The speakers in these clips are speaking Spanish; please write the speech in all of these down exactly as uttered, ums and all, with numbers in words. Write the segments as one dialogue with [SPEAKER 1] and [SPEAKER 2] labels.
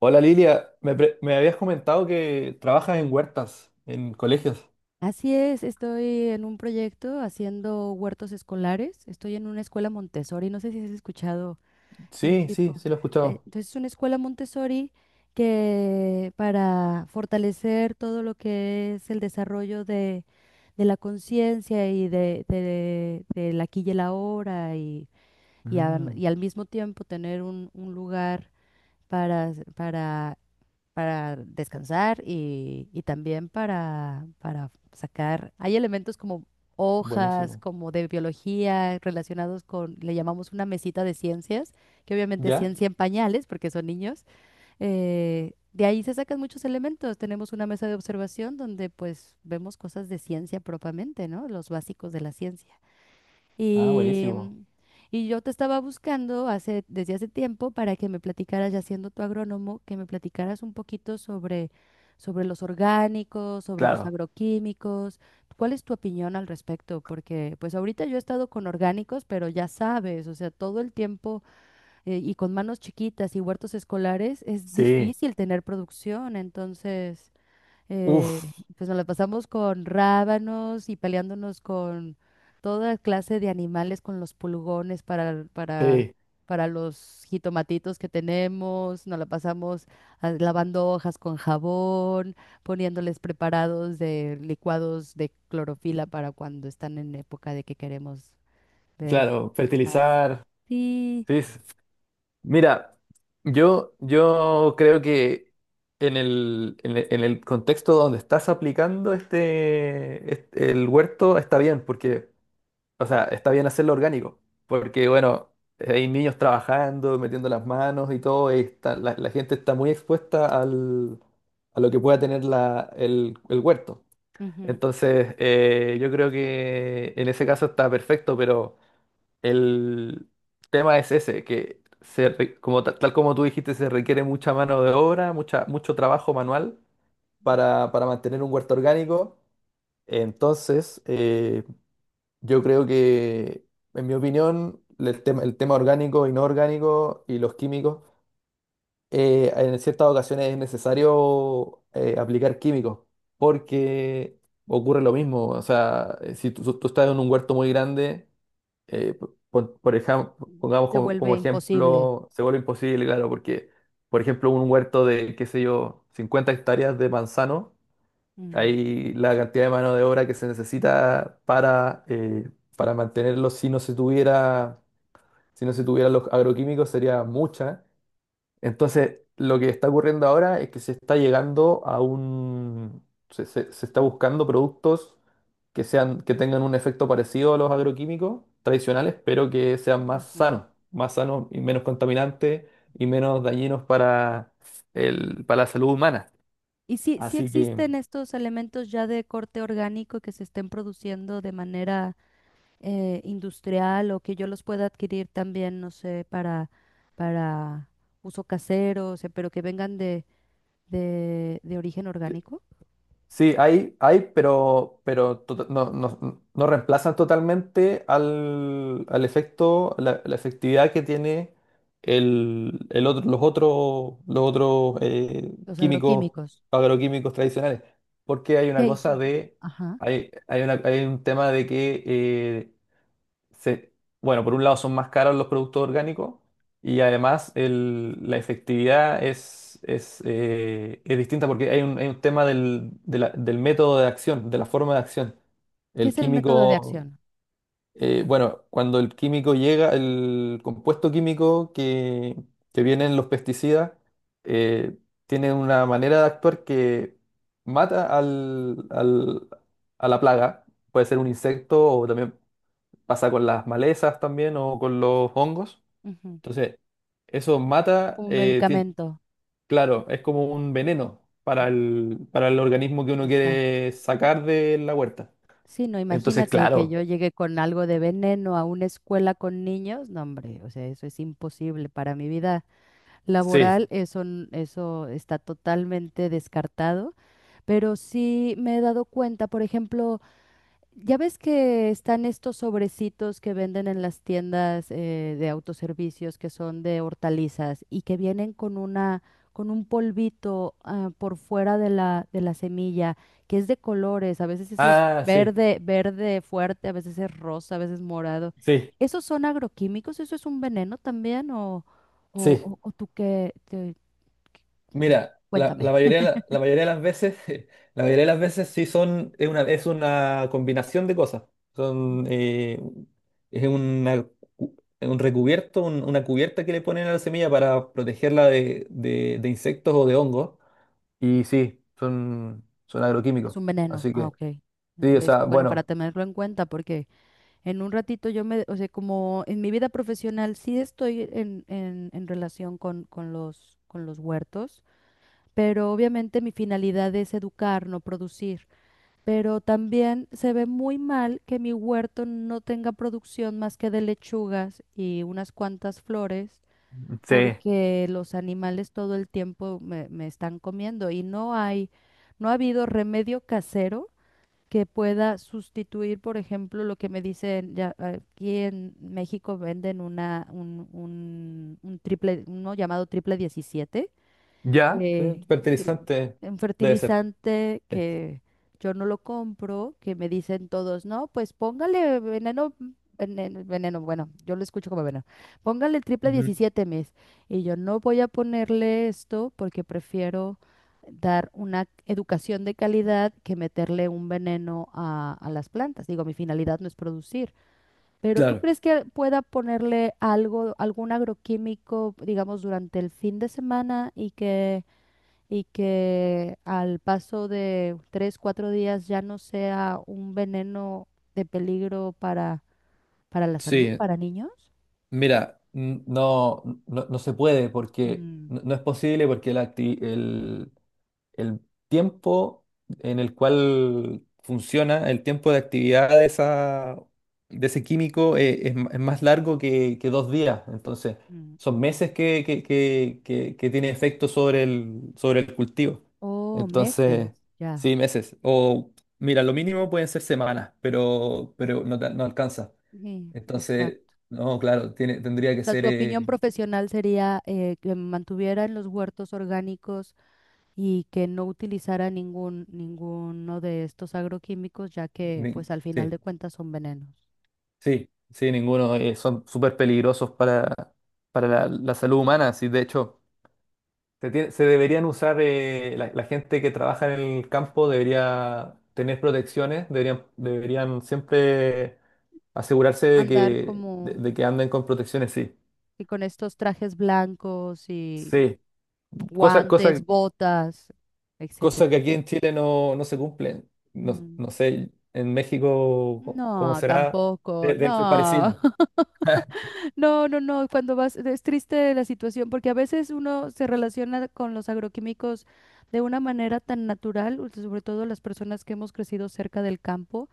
[SPEAKER 1] Hola Lilia, me, pre- me habías comentado que trabajas en huertas, en colegios.
[SPEAKER 2] Así es, estoy en un proyecto haciendo huertos escolares. Estoy en una escuela Montessori, no sé si has escuchado, es un
[SPEAKER 1] Sí,
[SPEAKER 2] tipo.
[SPEAKER 1] sí, sí lo he
[SPEAKER 2] eh,
[SPEAKER 1] escuchado.
[SPEAKER 2] Entonces, es una escuela Montessori que para fortalecer todo lo que es el desarrollo de, de la conciencia y de, de, del aquí y el ahora y, y, am-
[SPEAKER 1] Mm,
[SPEAKER 2] y al mismo tiempo tener un, un lugar para, para para descansar y, y también para, para sacar. Hay elementos como hojas,
[SPEAKER 1] buenísimo.
[SPEAKER 2] como de biología, relacionados con, le llamamos una mesita de ciencias, que obviamente es
[SPEAKER 1] ¿Ya?
[SPEAKER 2] ciencia en pañales, porque son niños. Eh, de ahí se sacan muchos elementos. Tenemos una mesa de observación donde pues vemos cosas de ciencia propiamente, ¿no? Los básicos de la ciencia.
[SPEAKER 1] Ah,
[SPEAKER 2] Y,
[SPEAKER 1] buenísimo.
[SPEAKER 2] mm, y yo te estaba buscando hace, desde hace tiempo para que me platicaras, ya siendo tu agrónomo, que me platicaras un poquito sobre, sobre los orgánicos, sobre los
[SPEAKER 1] Claro.
[SPEAKER 2] agroquímicos. ¿Cuál es tu opinión al respecto? Porque pues ahorita yo he estado con orgánicos, pero ya sabes, o sea, todo el tiempo eh, y con manos chiquitas y huertos escolares es
[SPEAKER 1] Sí.
[SPEAKER 2] difícil tener producción. Entonces eh,
[SPEAKER 1] Uf,
[SPEAKER 2] pues nos la pasamos con rábanos y peleándonos con toda clase de animales, con los pulgones para, para,
[SPEAKER 1] sí.
[SPEAKER 2] para los jitomatitos que tenemos. Nos la pasamos ah, lavando hojas con jabón, poniéndoles preparados de licuados de clorofila para cuando están en época de que queremos ver
[SPEAKER 1] Claro,
[SPEAKER 2] más.
[SPEAKER 1] fertilizar.
[SPEAKER 2] Sí,
[SPEAKER 1] Sí. s- Mira, yo, yo creo que en el, en el, en el contexto donde estás aplicando este, este- el huerto está bien, porque o sea, está bien hacerlo orgánico, porque bueno, hay niños trabajando, metiendo las manos y todo, y está- la, la gente está muy expuesta al, a lo que pueda tener la, el, el huerto.
[SPEAKER 2] ujú.
[SPEAKER 1] Entonces, eh, yo creo que en ese caso está perfecto, pero el tema es ese, que se re- como, ta- tal como tú dijiste, se requiere mucha mano de obra, mucha, mucho trabajo manual para, para mantener un huerto orgánico. Entonces, eh, yo creo que, en mi opinión, el tema, el tema orgánico, inorgánico y los químicos, eh, en ciertas ocasiones es necesario eh, aplicar químicos porque ocurre lo mismo. O sea, eh, si tú, tú estás en un huerto muy grande, eh, p- por, por ejemplo, pongamos
[SPEAKER 2] Se
[SPEAKER 1] como,
[SPEAKER 2] vuelve
[SPEAKER 1] como
[SPEAKER 2] imposible.
[SPEAKER 1] ejemplo, se vuelve imposible, claro, porque, por ejemplo, un huerto de, qué sé yo, cincuenta hectáreas de manzano.
[SPEAKER 2] Mm,
[SPEAKER 1] Ahí la cantidad de mano de obra que se necesita para, eh, para mantenerlos si no se tuviera, si no se tuvieran los agroquímicos sería mucha. Entonces, lo que está ocurriendo ahora es que se está llegando a un, se, se- se está buscando productos que sean, que tengan un efecto parecido a los agroquímicos tradicionales, pero que sean más
[SPEAKER 2] ujú.
[SPEAKER 1] sanos, más sanos y menos contaminantes y menos dañinos para el, para la salud humana.
[SPEAKER 2] ¿Y si, si
[SPEAKER 1] Así que
[SPEAKER 2] existen estos elementos ya de corte orgánico que se estén produciendo de manera eh, industrial o que yo los pueda adquirir también, no sé, para, para uso casero, o sea, pero que vengan de, de, de origen orgánico?
[SPEAKER 1] sí, hay, hay, pero, pero tota- no, no- no reemplazan totalmente al, al efecto, la, la efectividad que tiene el, el otro, los otros, los otros eh,
[SPEAKER 2] Los
[SPEAKER 1] químicos,
[SPEAKER 2] agroquímicos.
[SPEAKER 1] agroquímicos tradicionales. Porque hay una
[SPEAKER 2] ¿Qué,
[SPEAKER 1] cosa de,
[SPEAKER 2] ajá.
[SPEAKER 1] hay, hay una- hay un tema de que eh, se- bueno, por un lado son más caros los productos orgánicos y además el- la efectividad es, es, eh, es distinta porque hay un, hay un tema del, de la- del método de acción, de la forma de acción.
[SPEAKER 2] ¿Qué
[SPEAKER 1] El
[SPEAKER 2] es el método de
[SPEAKER 1] químico,
[SPEAKER 2] acción?
[SPEAKER 1] eh, bueno, cuando el químico llega, el compuesto químico que, que viene en los pesticidas, eh, tiene una manera de actuar que mata al, al- a la plaga. Puede ser un insecto o también pasa con las malezas también o con los hongos.
[SPEAKER 2] Ujú.
[SPEAKER 1] Entonces, eso mata,
[SPEAKER 2] Como
[SPEAKER 1] eh, tien-
[SPEAKER 2] medicamento.
[SPEAKER 1] claro, es como un veneno para
[SPEAKER 2] Mm.
[SPEAKER 1] el, para el organismo que uno
[SPEAKER 2] Exacto.
[SPEAKER 1] quiere sacar de la huerta.
[SPEAKER 2] Sí, no,
[SPEAKER 1] Entonces,
[SPEAKER 2] imagínate que
[SPEAKER 1] claro,
[SPEAKER 2] yo llegue con algo de veneno a una escuela con niños. No, hombre, o sea, eso es imposible para mi vida.
[SPEAKER 1] sí.
[SPEAKER 2] Laboral, eso, n- eso está totalmente descartado, pero sí me he dado cuenta, por ejemplo, ya ves que están estos sobrecitos que venden en las tiendas eh, de autoservicios que son de hortalizas y que vienen con una, con un polvito ah, por fuera de la, de la semilla, que es de colores, a veces ese es
[SPEAKER 1] Ah, sí,
[SPEAKER 2] verde, verde fuerte, a veces es rosa, a veces morado.
[SPEAKER 1] sí,
[SPEAKER 2] ¿Esos son agroquímicos? ¿Eso es un veneno también? ¿O, o,
[SPEAKER 1] sí.
[SPEAKER 2] o- o tú qué? te- qué- pues,
[SPEAKER 1] Mira, la, la
[SPEAKER 2] cuéntame.
[SPEAKER 1] mayoría, de la, la mayoría de las veces, la mayoría de las veces sí son, es una, es una combinación de cosas. Son,
[SPEAKER 2] Ujú.
[SPEAKER 1] eh, es una cu- un recubierto, un- una cubierta que le ponen a la semilla para protegerla de, de- de insectos o de hongos. Y sí, son, son
[SPEAKER 2] Es
[SPEAKER 1] agroquímicos.
[SPEAKER 2] un veneno.
[SPEAKER 1] Así
[SPEAKER 2] Ah,
[SPEAKER 1] que,
[SPEAKER 2] ok.
[SPEAKER 1] sí, o
[SPEAKER 2] Es
[SPEAKER 1] sea,
[SPEAKER 2] bueno para
[SPEAKER 1] bueno,
[SPEAKER 2] tenerlo en cuenta porque... En un ratito yo me, o sea, como en mi vida profesional sí estoy en, en- en relación con, con los, con los huertos, pero obviamente mi finalidad es educar, no producir. Pero también se ve muy mal que mi huerto no tenga producción más que de lechugas y unas cuantas flores,
[SPEAKER 1] sí,
[SPEAKER 2] porque los animales todo el tiempo me, me están comiendo y no hay, no ha habido remedio casero que pueda sustituir, por ejemplo, lo que me dicen, ya aquí en México venden una, un, un- un triple, uno llamado triple diecisiete
[SPEAKER 1] ya, sí,
[SPEAKER 2] eh, sil-
[SPEAKER 1] fertilizante
[SPEAKER 2] un
[SPEAKER 1] debe ser.
[SPEAKER 2] fertilizante
[SPEAKER 1] Sí.
[SPEAKER 2] que yo no lo compro, que me dicen todos, no, pues póngale veneno, veneno, veneno", bueno, yo lo escucho como veneno, póngale el triple
[SPEAKER 1] Ujú.
[SPEAKER 2] diecisiete mes. Y yo no voy a ponerle esto porque prefiero dar una educación de calidad que meterle un veneno a, a las plantas. Digo, mi finalidad no es producir. Pero ¿tú
[SPEAKER 1] Claro,
[SPEAKER 2] crees que pueda ponerle algo, algún agroquímico, digamos, durante el fin de semana y que y que al paso de tres, cuatro días ya no sea un veneno de peligro para, para la salud,
[SPEAKER 1] sí.
[SPEAKER 2] para niños?
[SPEAKER 1] Mira, n- no, no, no se puede porque
[SPEAKER 2] Mm,
[SPEAKER 1] no, no es posible porque la acti- el, el tiempo en el cual funciona, el tiempo de actividad de, esa, de ese químico eh, es, m- es más largo que, que dos días. Entonces,
[SPEAKER 2] mm.
[SPEAKER 1] son meses que, que, que- que- que tiene efecto sobre el, sobre el cultivo.
[SPEAKER 2] Oh,
[SPEAKER 1] Entonces,
[SPEAKER 2] meses, ya.
[SPEAKER 1] sí, meses. O mira, lo mínimo pueden ser semanas, pero, pero no, te- no alcanza.
[SPEAKER 2] Sí,
[SPEAKER 1] Entonces,
[SPEAKER 2] exacto.
[SPEAKER 1] no, claro, tiene, tendría
[SPEAKER 2] O
[SPEAKER 1] que
[SPEAKER 2] sea, tu
[SPEAKER 1] ser...
[SPEAKER 2] opinión
[SPEAKER 1] eh,
[SPEAKER 2] profesional sería eh, que mantuvieran los huertos orgánicos y que no utilizara ningún, ninguno de estos agroquímicos, ya que
[SPEAKER 1] ni-
[SPEAKER 2] pues al final
[SPEAKER 1] sí,
[SPEAKER 2] de cuentas son venenos.
[SPEAKER 1] sí, sí, ninguno. Eh, son súper peligrosos para, para la, la salud humana. Sí, de hecho, se, tie- se deberían usar, eh, la, la gente que trabaja en el campo debería tener protecciones, deberían, deberían siempre asegurarse de
[SPEAKER 2] Andar
[SPEAKER 1] que, de,
[SPEAKER 2] como
[SPEAKER 1] de que anden con protecciones, sí.
[SPEAKER 2] y con estos trajes blancos y
[SPEAKER 1] Sí, cosa, cosa.
[SPEAKER 2] guantes, botas, etcétera.
[SPEAKER 1] Cosas que aquí en Chile no, no se cumplen. No,
[SPEAKER 2] Mm.
[SPEAKER 1] no sé, en México, ¿cómo
[SPEAKER 2] No,
[SPEAKER 1] será?
[SPEAKER 2] tampoco,
[SPEAKER 1] De- Debe ser
[SPEAKER 2] no,
[SPEAKER 1] parecido.
[SPEAKER 2] no, no, no, cuando vas, es triste la situación porque a veces uno se relaciona con los agroquímicos de una manera tan natural, u- sobre todo las personas que hemos crecido cerca del campo,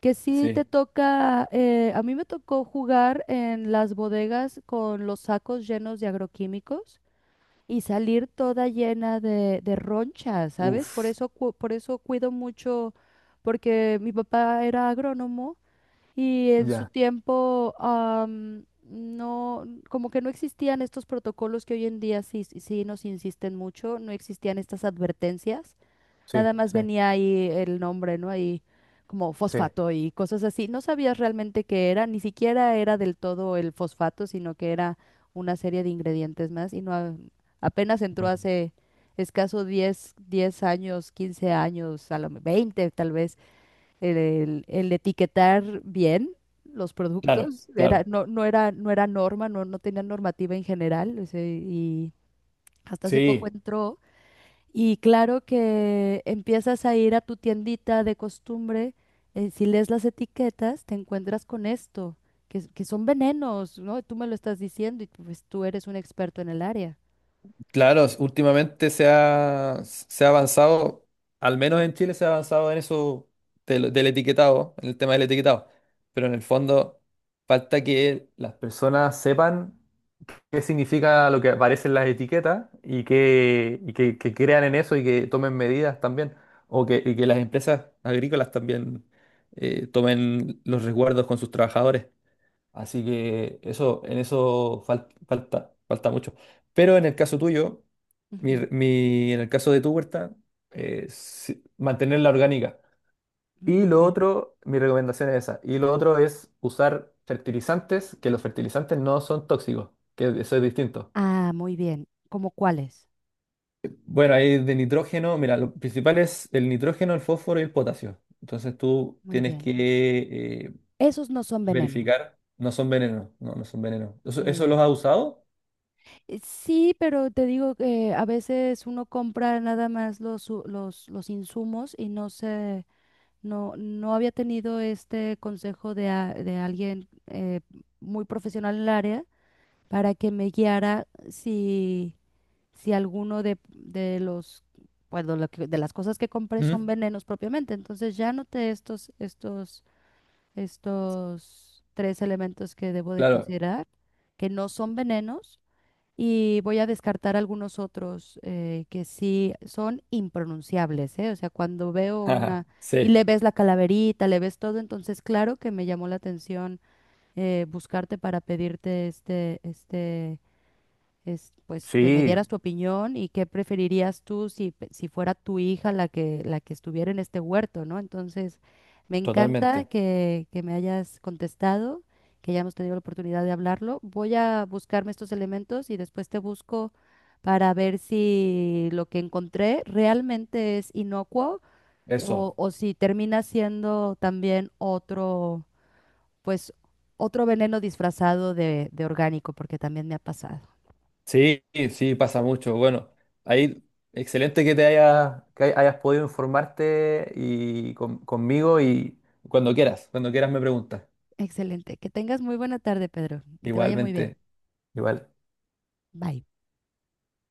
[SPEAKER 2] que sí te
[SPEAKER 1] Sí.
[SPEAKER 2] toca, eh, a mí me tocó jugar en las bodegas con los sacos llenos de agroquímicos. Y salir toda llena de, de ronchas, ¿sabes? Por
[SPEAKER 1] Uf,
[SPEAKER 2] eso, cu- por eso cuido mucho, porque mi papá era agrónomo y en su
[SPEAKER 1] ya.
[SPEAKER 2] tiempo am, no, como que no existían estos protocolos que hoy en día sí, sí nos insisten mucho, no existían estas advertencias.
[SPEAKER 1] Sí,
[SPEAKER 2] Nada más
[SPEAKER 1] sí,
[SPEAKER 2] venía ahí el nombre, ¿no? Ahí como
[SPEAKER 1] sí.
[SPEAKER 2] fosfato y cosas así. No sabías realmente qué era, ni siquiera era del todo el fosfato, sino que era una serie de ingredientes más y no a- apenas entró
[SPEAKER 1] Mm.
[SPEAKER 2] hace escaso diez, diez años, quince años, a lo me- veinte tal vez, el, el etiquetar bien los
[SPEAKER 1] Claro,
[SPEAKER 2] productos. Era,
[SPEAKER 1] claro.
[SPEAKER 2] no, no era, no era norma, no, no tenía normativa en general, o sea, y hasta hace poco
[SPEAKER 1] Sí,
[SPEAKER 2] entró. Y claro que empiezas a ir a tu tiendita de costumbre, eh, si lees las etiquetas, te encuentras con esto, que, s- que son venenos, ¿no? Tú me lo estás diciendo y pues tú eres un experto en el área.
[SPEAKER 1] claro. s- Últimamente se ha, se ha avanzado, al menos en Chile se ha avanzado en eso del, del etiquetado, en el tema del etiquetado. Pero en el fondo falta que las personas sepan qué significa lo que aparece en las etiquetas y que, y que, que crean en eso y que tomen medidas también, o que, y que las empresas agrícolas también eh, tomen los resguardos con sus trabajadores. Así que eso, en eso fal- falta, falta mucho. Pero en el caso tuyo, mi,
[SPEAKER 2] Ujú.
[SPEAKER 1] mi- en el caso de tu huerta, eh, sí, mantenerla orgánica. Y
[SPEAKER 2] Muy
[SPEAKER 1] lo
[SPEAKER 2] bien.
[SPEAKER 1] otro, mi recomendación es esa. Y lo otro es usar fertilizantes, que los fertilizantes no son tóxicos, que eso es distinto.
[SPEAKER 2] Ah, muy bien. ¿Cómo cuáles?
[SPEAKER 1] Bueno, ahí de nitrógeno, mira, lo principal es el nitrógeno, el fósforo y el potasio. Entonces tú
[SPEAKER 2] Muy
[SPEAKER 1] tienes que
[SPEAKER 2] bien.
[SPEAKER 1] eh,
[SPEAKER 2] Esos no son venenos.
[SPEAKER 1] verificar, no son venenos, no, no son venenos. ¿Eso,
[SPEAKER 2] Muy
[SPEAKER 1] eso
[SPEAKER 2] bien.
[SPEAKER 1] los has usado?
[SPEAKER 2] Eh, Sí, pero te digo que a veces uno compra nada más los, u- los, los insumos y no se... No, no había tenido este consejo de, a- de alguien eh, muy profesional en el área para que me guiara si, si alguno de, de los, pues, lo que- de las cosas que compré son
[SPEAKER 1] Ujú.
[SPEAKER 2] venenos propiamente. Entonces ya noté estos, estos, estos tres elementos que debo de
[SPEAKER 1] Claro.
[SPEAKER 2] considerar, que no son venenos y voy a descartar algunos otros eh, que sí son impronunciables, ¿eh? O sea, cuando veo
[SPEAKER 1] Ajá,
[SPEAKER 2] una y
[SPEAKER 1] sí.
[SPEAKER 2] le ves la calaverita, le ves todo, entonces claro que me llamó la atención eh, buscarte para pedirte este, este es, pues que me
[SPEAKER 1] Sí,
[SPEAKER 2] dieras tu opinión y qué preferirías tú si, pe- si fuera tu hija la que, la que estuviera en este huerto, ¿no? Entonces, me encanta
[SPEAKER 1] totalmente.
[SPEAKER 2] que, que me hayas contestado, que hayamos tenido la oportunidad de hablarlo. Voy a buscarme estos elementos y después te busco para ver si lo que encontré realmente es inocuo eh, o,
[SPEAKER 1] Eso.
[SPEAKER 2] o si termina siendo también otro, pues, otro veneno disfrazado de, de orgánico, porque también me ha pasado.
[SPEAKER 1] Sí, sí, pasa mucho. Bueno, ahí excelente que te hayas, que hay- hayas podido informarte y con- conmigo y cuando quieras, cuando quieras me preguntas.
[SPEAKER 2] Excelente. Que tengas muy buena tarde, Pedro. Que te vaya muy bien.
[SPEAKER 1] Igualmente, igual.
[SPEAKER 2] Bye.